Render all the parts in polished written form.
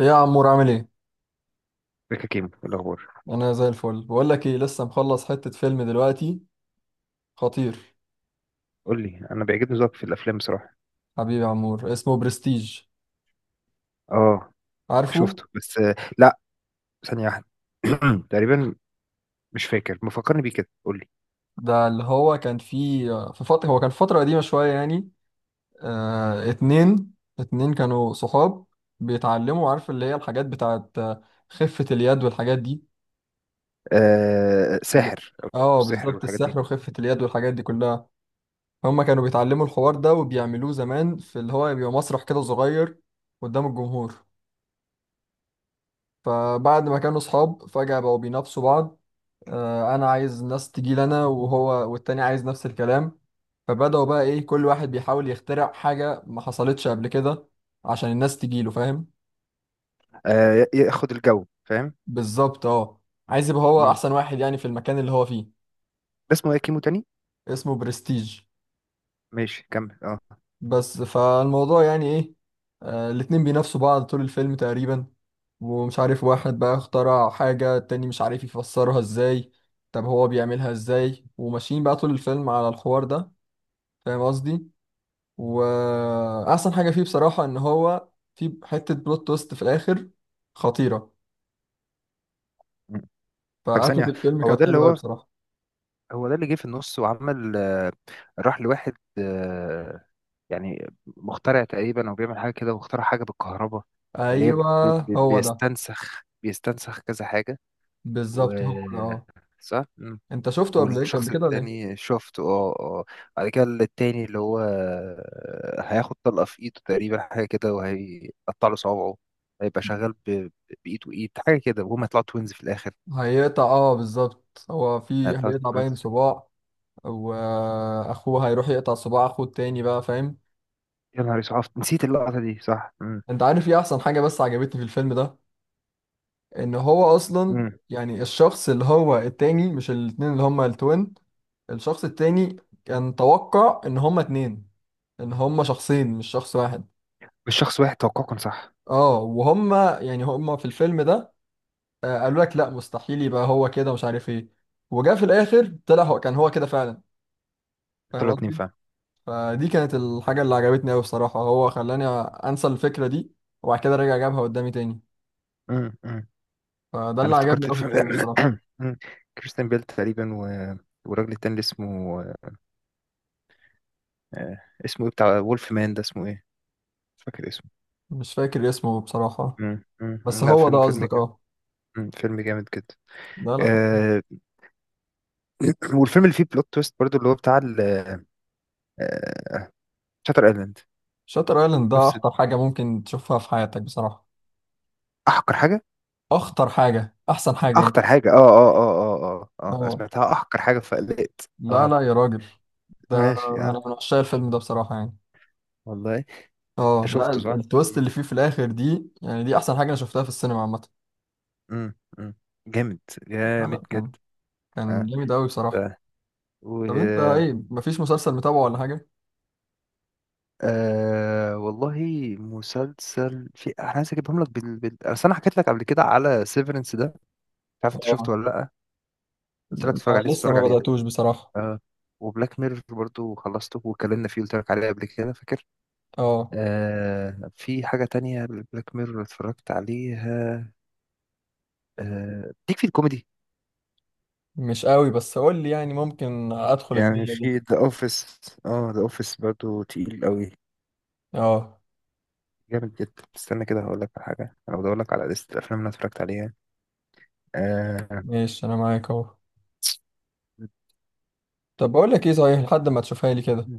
ايه يا عمور، عامل ايه؟ ريكا كيمو، إيه الاخبار؟ انا زي الفل. بقول لك ايه، لسه مخلص حتة فيلم دلوقتي، خطير. قول لي، انا بيعجبني ذوقك في الافلام بصراحه. حبيبي يا عمور، اسمه برستيج، اه. عارفه؟ شفته، بس لا. ثانيه واحده. تقريبا. مش فاكر، مفكرني بيه كده، قول لي. ده اللي هو كان في فترة قديمة شوية يعني. آه اتنين اتنين كانوا صحاب، بيتعلموا، عارف اللي هي الحاجات بتاعت خفة اليد والحاجات دي. آه، ساحر او اه السحر بالظبط، والحاجات دي. السحر وخفة اليد والحاجات دي كلها. هما كانوا بيتعلموا الحوار ده وبيعملوه زمان في اللي هو بيبقى مسرح كده صغير قدام الجمهور. فبعد ما كانوا صحاب، فجأة بقوا بينافسوا بعض. أنا عايز ناس تجيلي أنا، وهو والتاني عايز نفس الكلام. فبدأوا بقى إيه، كل واحد بيحاول يخترع حاجة ما حصلتش قبل كده عشان الناس تجيله، فاهم؟ آه، ياخد الجو، فاهم. بالظبط أه. عايز يبقى هو مم. أحسن واحد يعني في المكان اللي هو فيه. ده اسمه ايه كيمو تاني؟ اسمه برستيج. ماشي، كمل، اه. بس فالموضوع يعني ايه، الاتنين بينافسوا بعض طول الفيلم تقريبا. ومش عارف، واحد بقى اخترع حاجة، التاني مش عارف يفسرها ازاي، طب هو بيعملها ازاي؟ وماشيين بقى طول الفيلم على الحوار ده، فاهم قصدي؟ واحسن حاجة فيه بصراحة ان هو في حتة بلوت تويست في الاخر، خطيرة. مم. طب ثانيه فقفلة واحده، الفيلم كانت حلوة قوي بصراحة. هو ده اللي جه في النص وعمل راح لواحد، آه، يعني مخترع تقريبا او بيعمل حاجه كده، واخترع حاجه بالكهرباء اللي هي ايوه هو ده. بيستنسخ كذا حاجه و بالظبط هو ده اه. صح. مم. انت شفته قبل، ايه؟ قبل والشخص كده ولا ايه؟ التاني شفته، اه اه. بعد كده التاني اللي هو هياخد طلقه في ايده تقريبا، حاجه كده، وهيقطع له صوابعه. هيبقى شغال بايد وايد، حاجه كده، وهما يطلعوا توينز في الاخر. هيقطع، اه بالظبط، هو في هيطلعوا هيقطع توينز. باين صباع، واخوه هيروح يقطع صباع اخوه التاني بقى، فاهم؟ يا نهار اسود، نسيت اللقطه دي، صح. مم. انت عارف ايه احسن حاجة بس عجبتني في الفيلم ده؟ ان هو اصلا مم. يعني الشخص اللي هو التاني، مش الاتنين اللي هما التوين، الشخص التاني كان توقع ان هما اتنين، ان هما شخصين مش شخص واحد. مش شخص واحد، توقعه كان صح. اه وهما يعني هما في الفيلم ده قالوا لك لا، مستحيل يبقى هو كده، مش عارف ايه. وجا في الاخر طلع هو كان هو كده فعلا، فاهم طلعوا اتنين قصدي؟ فعلا. فدي كانت الحاجة اللي عجبتني أوي بصراحة، هو خلاني أنسى الفكرة دي، وبعد كده رجع جابها قدامي تاني. امم، أمم. فده انا اللي عجبني افتكرت أوي في الفيلم الفيلم ده. بصراحة. أمم. كريستيان بيل تقريبا والراجل التاني اللي اسمه اسمه ايه بتاع وولف مان، ده اسمه ايه؟ مش فاكر اسمه. مش فاكر اسمه بصراحة. أمم، أمم، بس أمم. لا، هو ده فيلم قصدك، جامد. اه؟ فيلم جامد جدا. ده لا. آه، والفيلم اللي فيه بلوت تويست برضو، اللي هو بتاع آه، شاتر ايلاند. شاتر ايلاند ده نفس أخطر حاجة ممكن تشوفها في حياتك بصراحة. احقر حاجه. أخطر حاجة، أحسن حاجة اخطر يعني. حاجه، اه اه اه اه اه اه، أنا اه. سمعتها احقر حاجه فقلقت، لا اه. لا يا راجل، ده ماشي، اه. أنا من عشاق الفيلم ده بصراحة يعني. والله. انت اه، لا، شفته، صح؟ التويست اللي فيه في الآخر دي، يعني دي أحسن حاجة أنا شفتها في السينما عامة. مم. مم. جامد. لا جامد لا، كان جدا. كان اه. جامد أوي بصراحة. آه. و طب انت ايه، مفيش مسلسل متابعه ولا حاجة؟ آه، والله. مسلسل في، انا عايز اجيبهم لك اصل انا حكيت لك قبل كده على سيفرنس ده. مش عارف انت اه. شفته ولا لا؟ قلت لك اتفرج عليه، لسه تتفرج ما عليه ده. بدأتوش بصراحة. اه. وبلاك ميرور برضو خلصته واتكلمنا فيه، قلت لك عليه قبل كده، فاكر؟ اه آه، في حاجة تانية. بلاك ميرور اتفرجت عليها. آه، ليك في الكوميدي. مش قوي، بس قول لي، يعني ممكن ادخل يعني البيئة في دي. ذا اوفيس. اه، ذا اوفيس برضو تقيل قوي، اه. جامد جدا. استنى كده هقول لك على حاجة، انا بدور لك على لستة الافلام اللي أنا اتفرجت عليها. آه. ماشي انا معاك اهو. طب بقول لك ايه صحيح، لحد ما تشوفها لي كده،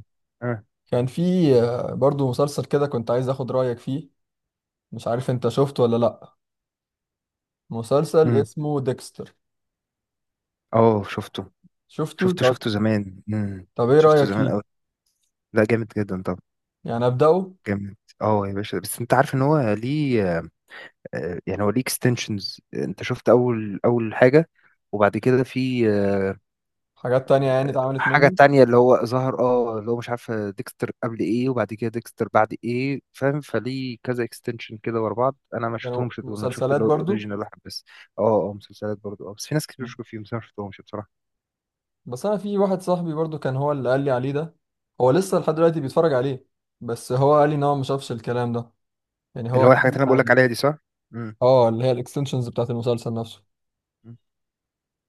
اه. كان في برضو مسلسل كده كنت عايز اخد رأيك فيه، مش عارف انت شفته ولا لا. مسلسل أمم. اسمه ديكستر. أوه، شفته شفته؟ شفته طب شفته زمان. أمم. طب ايه شفته رأيك زمان فيه؟ قوي. لا، جامد جدا. طب يعني ابدأه؟ جامد. اه يا باشا، بس انت عارف ان هو ليه يعني هو ليه اكستنشنز، انت شفت اول حاجة، وبعد كده في حاجات تانية يعني اتعملت حاجة منه؟ تانية اللي هو ظهر، اه، اللي هو مش عارف ديكستر قبل ايه وبعد كده ديكستر بعد ايه، فاهم؟ فليه كذا اكستنشن كده ورا بعض. انا ما كانوا شفتهمش دول، انا شفت مسلسلات اللي هو برضو؟ الاوريجينال واحد بس. اه اه، مسلسلات برضه، اه، بس في ناس كتير بتشكر فيهم، بس انا ما شفتهمش بصراحة. بس انا في واحد صاحبي برضو كان هو اللي قال لي عليه ده، هو لسه لحد دلوقتي بيتفرج عليه. بس هو قال لي ان هو ما شافش الكلام ده، يعني اللي هو هو كان الحاجات اللي انا بقول لك عادي. عليها دي، صح؟ امم. اه اللي هي الاكستنشنز بتاعت المسلسل نفسه.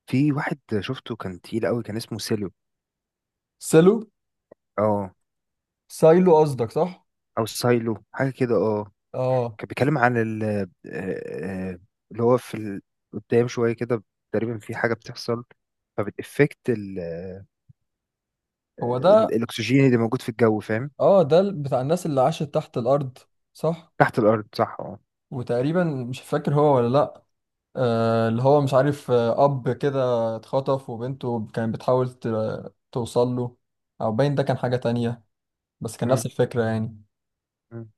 في واحد شفته كان تقيل قوي، كان اسمه سيلو. سيلو؟ اه. سايلو قصدك، صح؟ او سايلو، حاجة كده، اه. اه كان بيتكلم عن ال اللي هو في قدام شوية كده، تقريبا في حاجة بتحصل، فبتأفكت هو ده. الاكسجين اللي موجود في الجو، فاهم. اه، ده بتاع الناس اللي عاشت تحت الارض، صح؟ تحت الارض، صح، اه. وتقريبا مش فاكر هو ولا لا، اللي هو مش عارف، اب كده اتخطف وبنته كانت بتحاول توصل له. او باين ده كان حاجة تانية، بس كان نفس مم. الفكرة يعني، مم.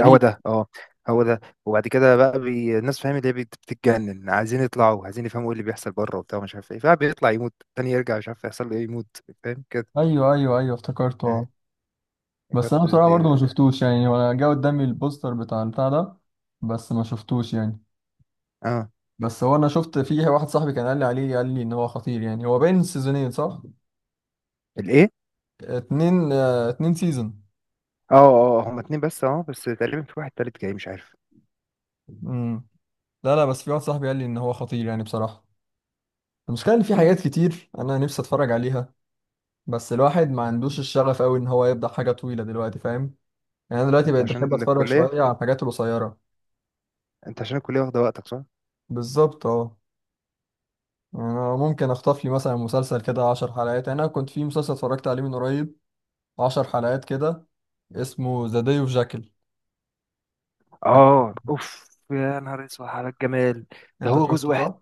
هو ده، اه. هو ده، وبعد كده بقى الناس، فاهم، اللي هي بتتجنن، عايزين يطلعوا، عايزين يفهموا ايه اللي بيحصل بره وبتاع، مش عارف ايه، فبيطلع يموت، تاني يرجع، مش عارف يحصل له ايه، يموت، فاهم كده. ايوه ايوه ايوه، افتكرته اه. اه. بس انا برضه. بصراحه برضو دي- ما شفتوش يعني، وانا جه قدامي البوستر بتاع البتاع ده، بس ما شفتوش يعني. اه. بس هو انا شفت فيه واحد صاحبي كان قال لي عليه، قال لي ان هو خطير يعني. هو باين 2 سيزون، صح؟ الايه؟ اتنين سيزون. اه اه، هما اتنين بس، اه، بس تقريبا في واحد تالت جاي، مش عارف. امم. لا لا، بس في واحد صاحبي قال لي ان هو خطير يعني بصراحه. المشكله ان في حاجات كتير انا نفسي اتفرج عليها، بس الواحد ما عندوش الشغف قوي ان هو يبدا حاجه طويله دلوقتي، فاهم؟ يعني انا دلوقتي انت بقيت بحب عشان اتفرج الكلية شويه على الحاجات القصيره. انت عشان الكلية واخدة وقتك، صح؟ بالظبط اه. يعني أنا ممكن أخطف لي مثلا مسلسل كده 10 حلقات. يعني أنا كنت في مسلسل اتفرجت عليه من قريب، 10 حلقات كده، اسمه ذا داي اوف جاكل. اه. اوف، يا نهار اسود على الجمال. ده أنت هو جزء شفته، واحد. صح؟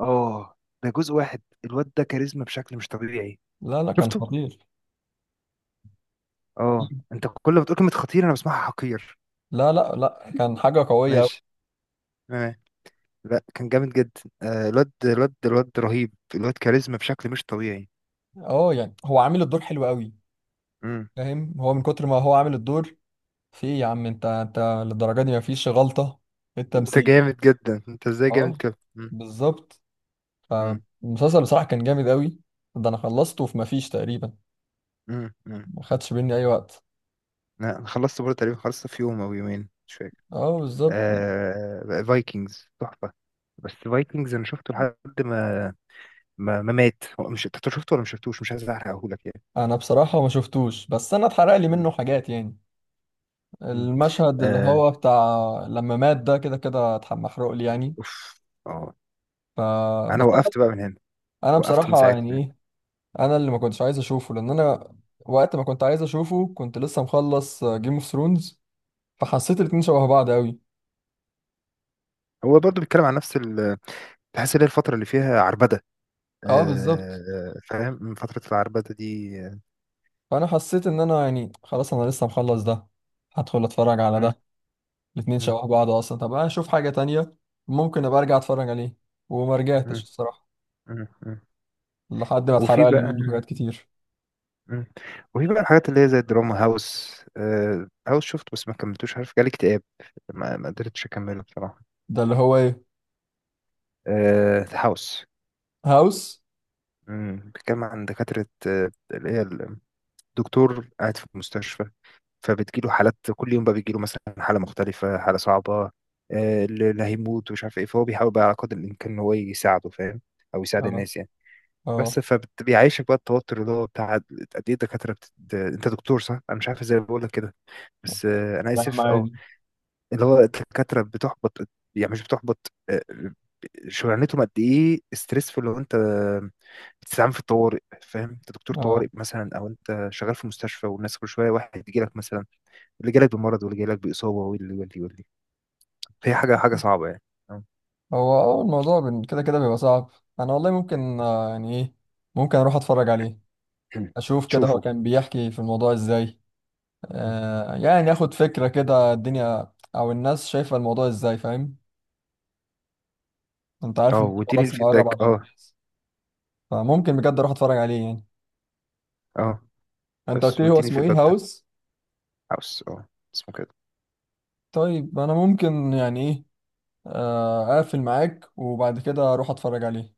اه. ده جزء واحد، الواد ده كاريزما بشكل مش طبيعي. لا لا كان شفته. خطير. اه، انت كل ما تقول كلمة خطير انا بسمعها حقير. لا لا لا، كان حاجة قوية أوي. ماشي. تمام. لا، كان جامد جدا، آه، الواد رهيب، الواد كاريزما بشكل مش طبيعي. أه، يعني هو عامل الدور حلو أوي، مم. فاهم؟ هو من كتر ما هو عامل الدور، في إيه يا عم، أنت أنت للدرجة دي مفيش غلطة في انت التمثيل. جامد جدا، انت ازاي جامد أه كده. مم. بالظبط. مم. فالمسلسل بصراحة كان جامد أوي. ده أنا خلصته في مفيش تقريبا، مم. مم. ما خدش مني أي وقت. لا، انا خلصت برضه تقريبا، خلصت في يوم او يومين، مش فاكر. أه بالظبط. آه، فايكنجز تحفة. بس فايكنجز انا شفته لحد ما مات، هو مش، انت شفته ولا مش شفتوش؟ مش عايز احرقهولك يعني. انا بصراحة ما شفتوش، بس انا اتحرق لي منه حاجات يعني. مم. المشهد اللي آه. هو بتاع لما مات، ده كده كده محروق لي يعني. أوف. أه. ف أنا بس انا، وقفت بقى من هنا، أنا وقفت من بصراحة يعني ساعتها. ايه، انا اللي ما كنتش عايز اشوفه لان انا وقت ما كنت عايز اشوفه كنت لسه مخلص جيم اوف ثرونز، فحسيت الاتنين شبه بعض قوي. هو برضو بيتكلم عن نفس ال تحس إن هي الفترة اللي فيها عربدة، اه بالظبط. آه، فاهم، من فترة العربدة دي. فانا حسيت ان انا يعني خلاص، انا لسه مخلص ده، هدخل اتفرج على مم، ده؟ الاتنين مم، شبه بعض اصلا، طب انا اشوف حاجة تانية، ممكن ابقى ارجع اتفرج عليه. وما رجعتش مم، الصراحة مم، مم. لحد ما وفي اتحرق لي منه بقى حاجات كتير. مم. وفي بقى الحاجات اللي هي زي الدراما، هاوس، آه، هاوس شفت بس ما كملتوش، عارف، جالي اكتئاب، ما قدرتش أكمله بصراحة. ده اللي هو ايه؟ آه، هاوس. هاوس؟ بيتكلم عن دكاترة، اللي هي الدكتور قاعد في المستشفى، فبتجيله حالات كل يوم، بقى بيجيله مثلا حالة مختلفة، حالة صعبة، اللي هيموت ومش عارف ايه، فهو بيحاول بقى على قدر الإمكان إن هو يساعده، فاهم، أو يساعد اه الناس يعني. اه. بس فبيعيشك بقى التوتر اللي هو بتاع قد ايه الدكاترة انت دكتور صح؟ انا مش عارف ازاي بقول لك كده، بس انا يا عم اسف، اه. عادي. اللي هو الدكاترة بتحبط، يعني مش بتحبط، شغلانتهم قد ايه ستريسفul، لو انت بتستعمل في الطوارئ، فاهم، انت دكتور اه طوارئ مثلا، او انت شغال في مستشفى والناس كل شويه واحد يجي لك، مثلا اللي جالك بمرض واللي جالك بإصابة واللي واللي واللي، فهي حاجة حاجة صعبة يعني. آه. هو اه الموضوع كده كده بيبقى صعب. انا والله ممكن يعني ايه، ممكن اروح اتفرج عليه، اشوف كده هو شوفوا. كان بيحكي في الموضوع ازاي. مم. آه يعني اخد فكرة كده الدنيا او الناس شايفة الموضوع ازاي، فاهم؟ انت عارف اه، انت واديني خلاص مقرب الفيدباك، على اه. الامتياز. فممكن بجد اروح اتفرج عليه يعني. اه، انت قلت بس لي هو واديني اسمه الفيدباك ايه، بتاع هاوس؟ الهاوس، اه، اسمه كده. طيب انا ممكن يعني ايه، اقفل معاك، وبعد كده اروح اتفرج عليه.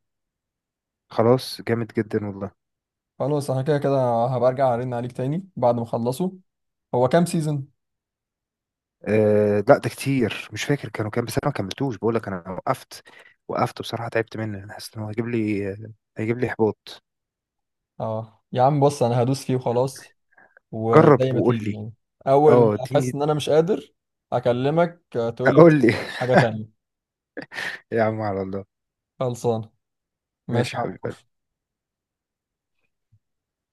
خلاص، جامد جدا والله. خلاص انا كده كده هبقى ارجع ارن عليك تاني بعد ما اخلصه. هو كام سيزون؟ آه لا، ده كتير مش فاكر كانوا كام، بس انا ما كملتوش، بقول لك انا وقفت. وقفت بصراحة، تعبت منه، انا حاسس ان هو هيجيب لي، هيجيب لي احباط. اه يا عم بص، انا هدوس فيه وخلاص، وزي جرب ما وقول تيجي لي. يعني. اول ما اه، اديني. احس ان انا مش قادر اكلمك، تقول لي قول لي. حاجة تانية. يا عم، على الله. خلصان. ماشي ماشي يا حبيبي. عمر.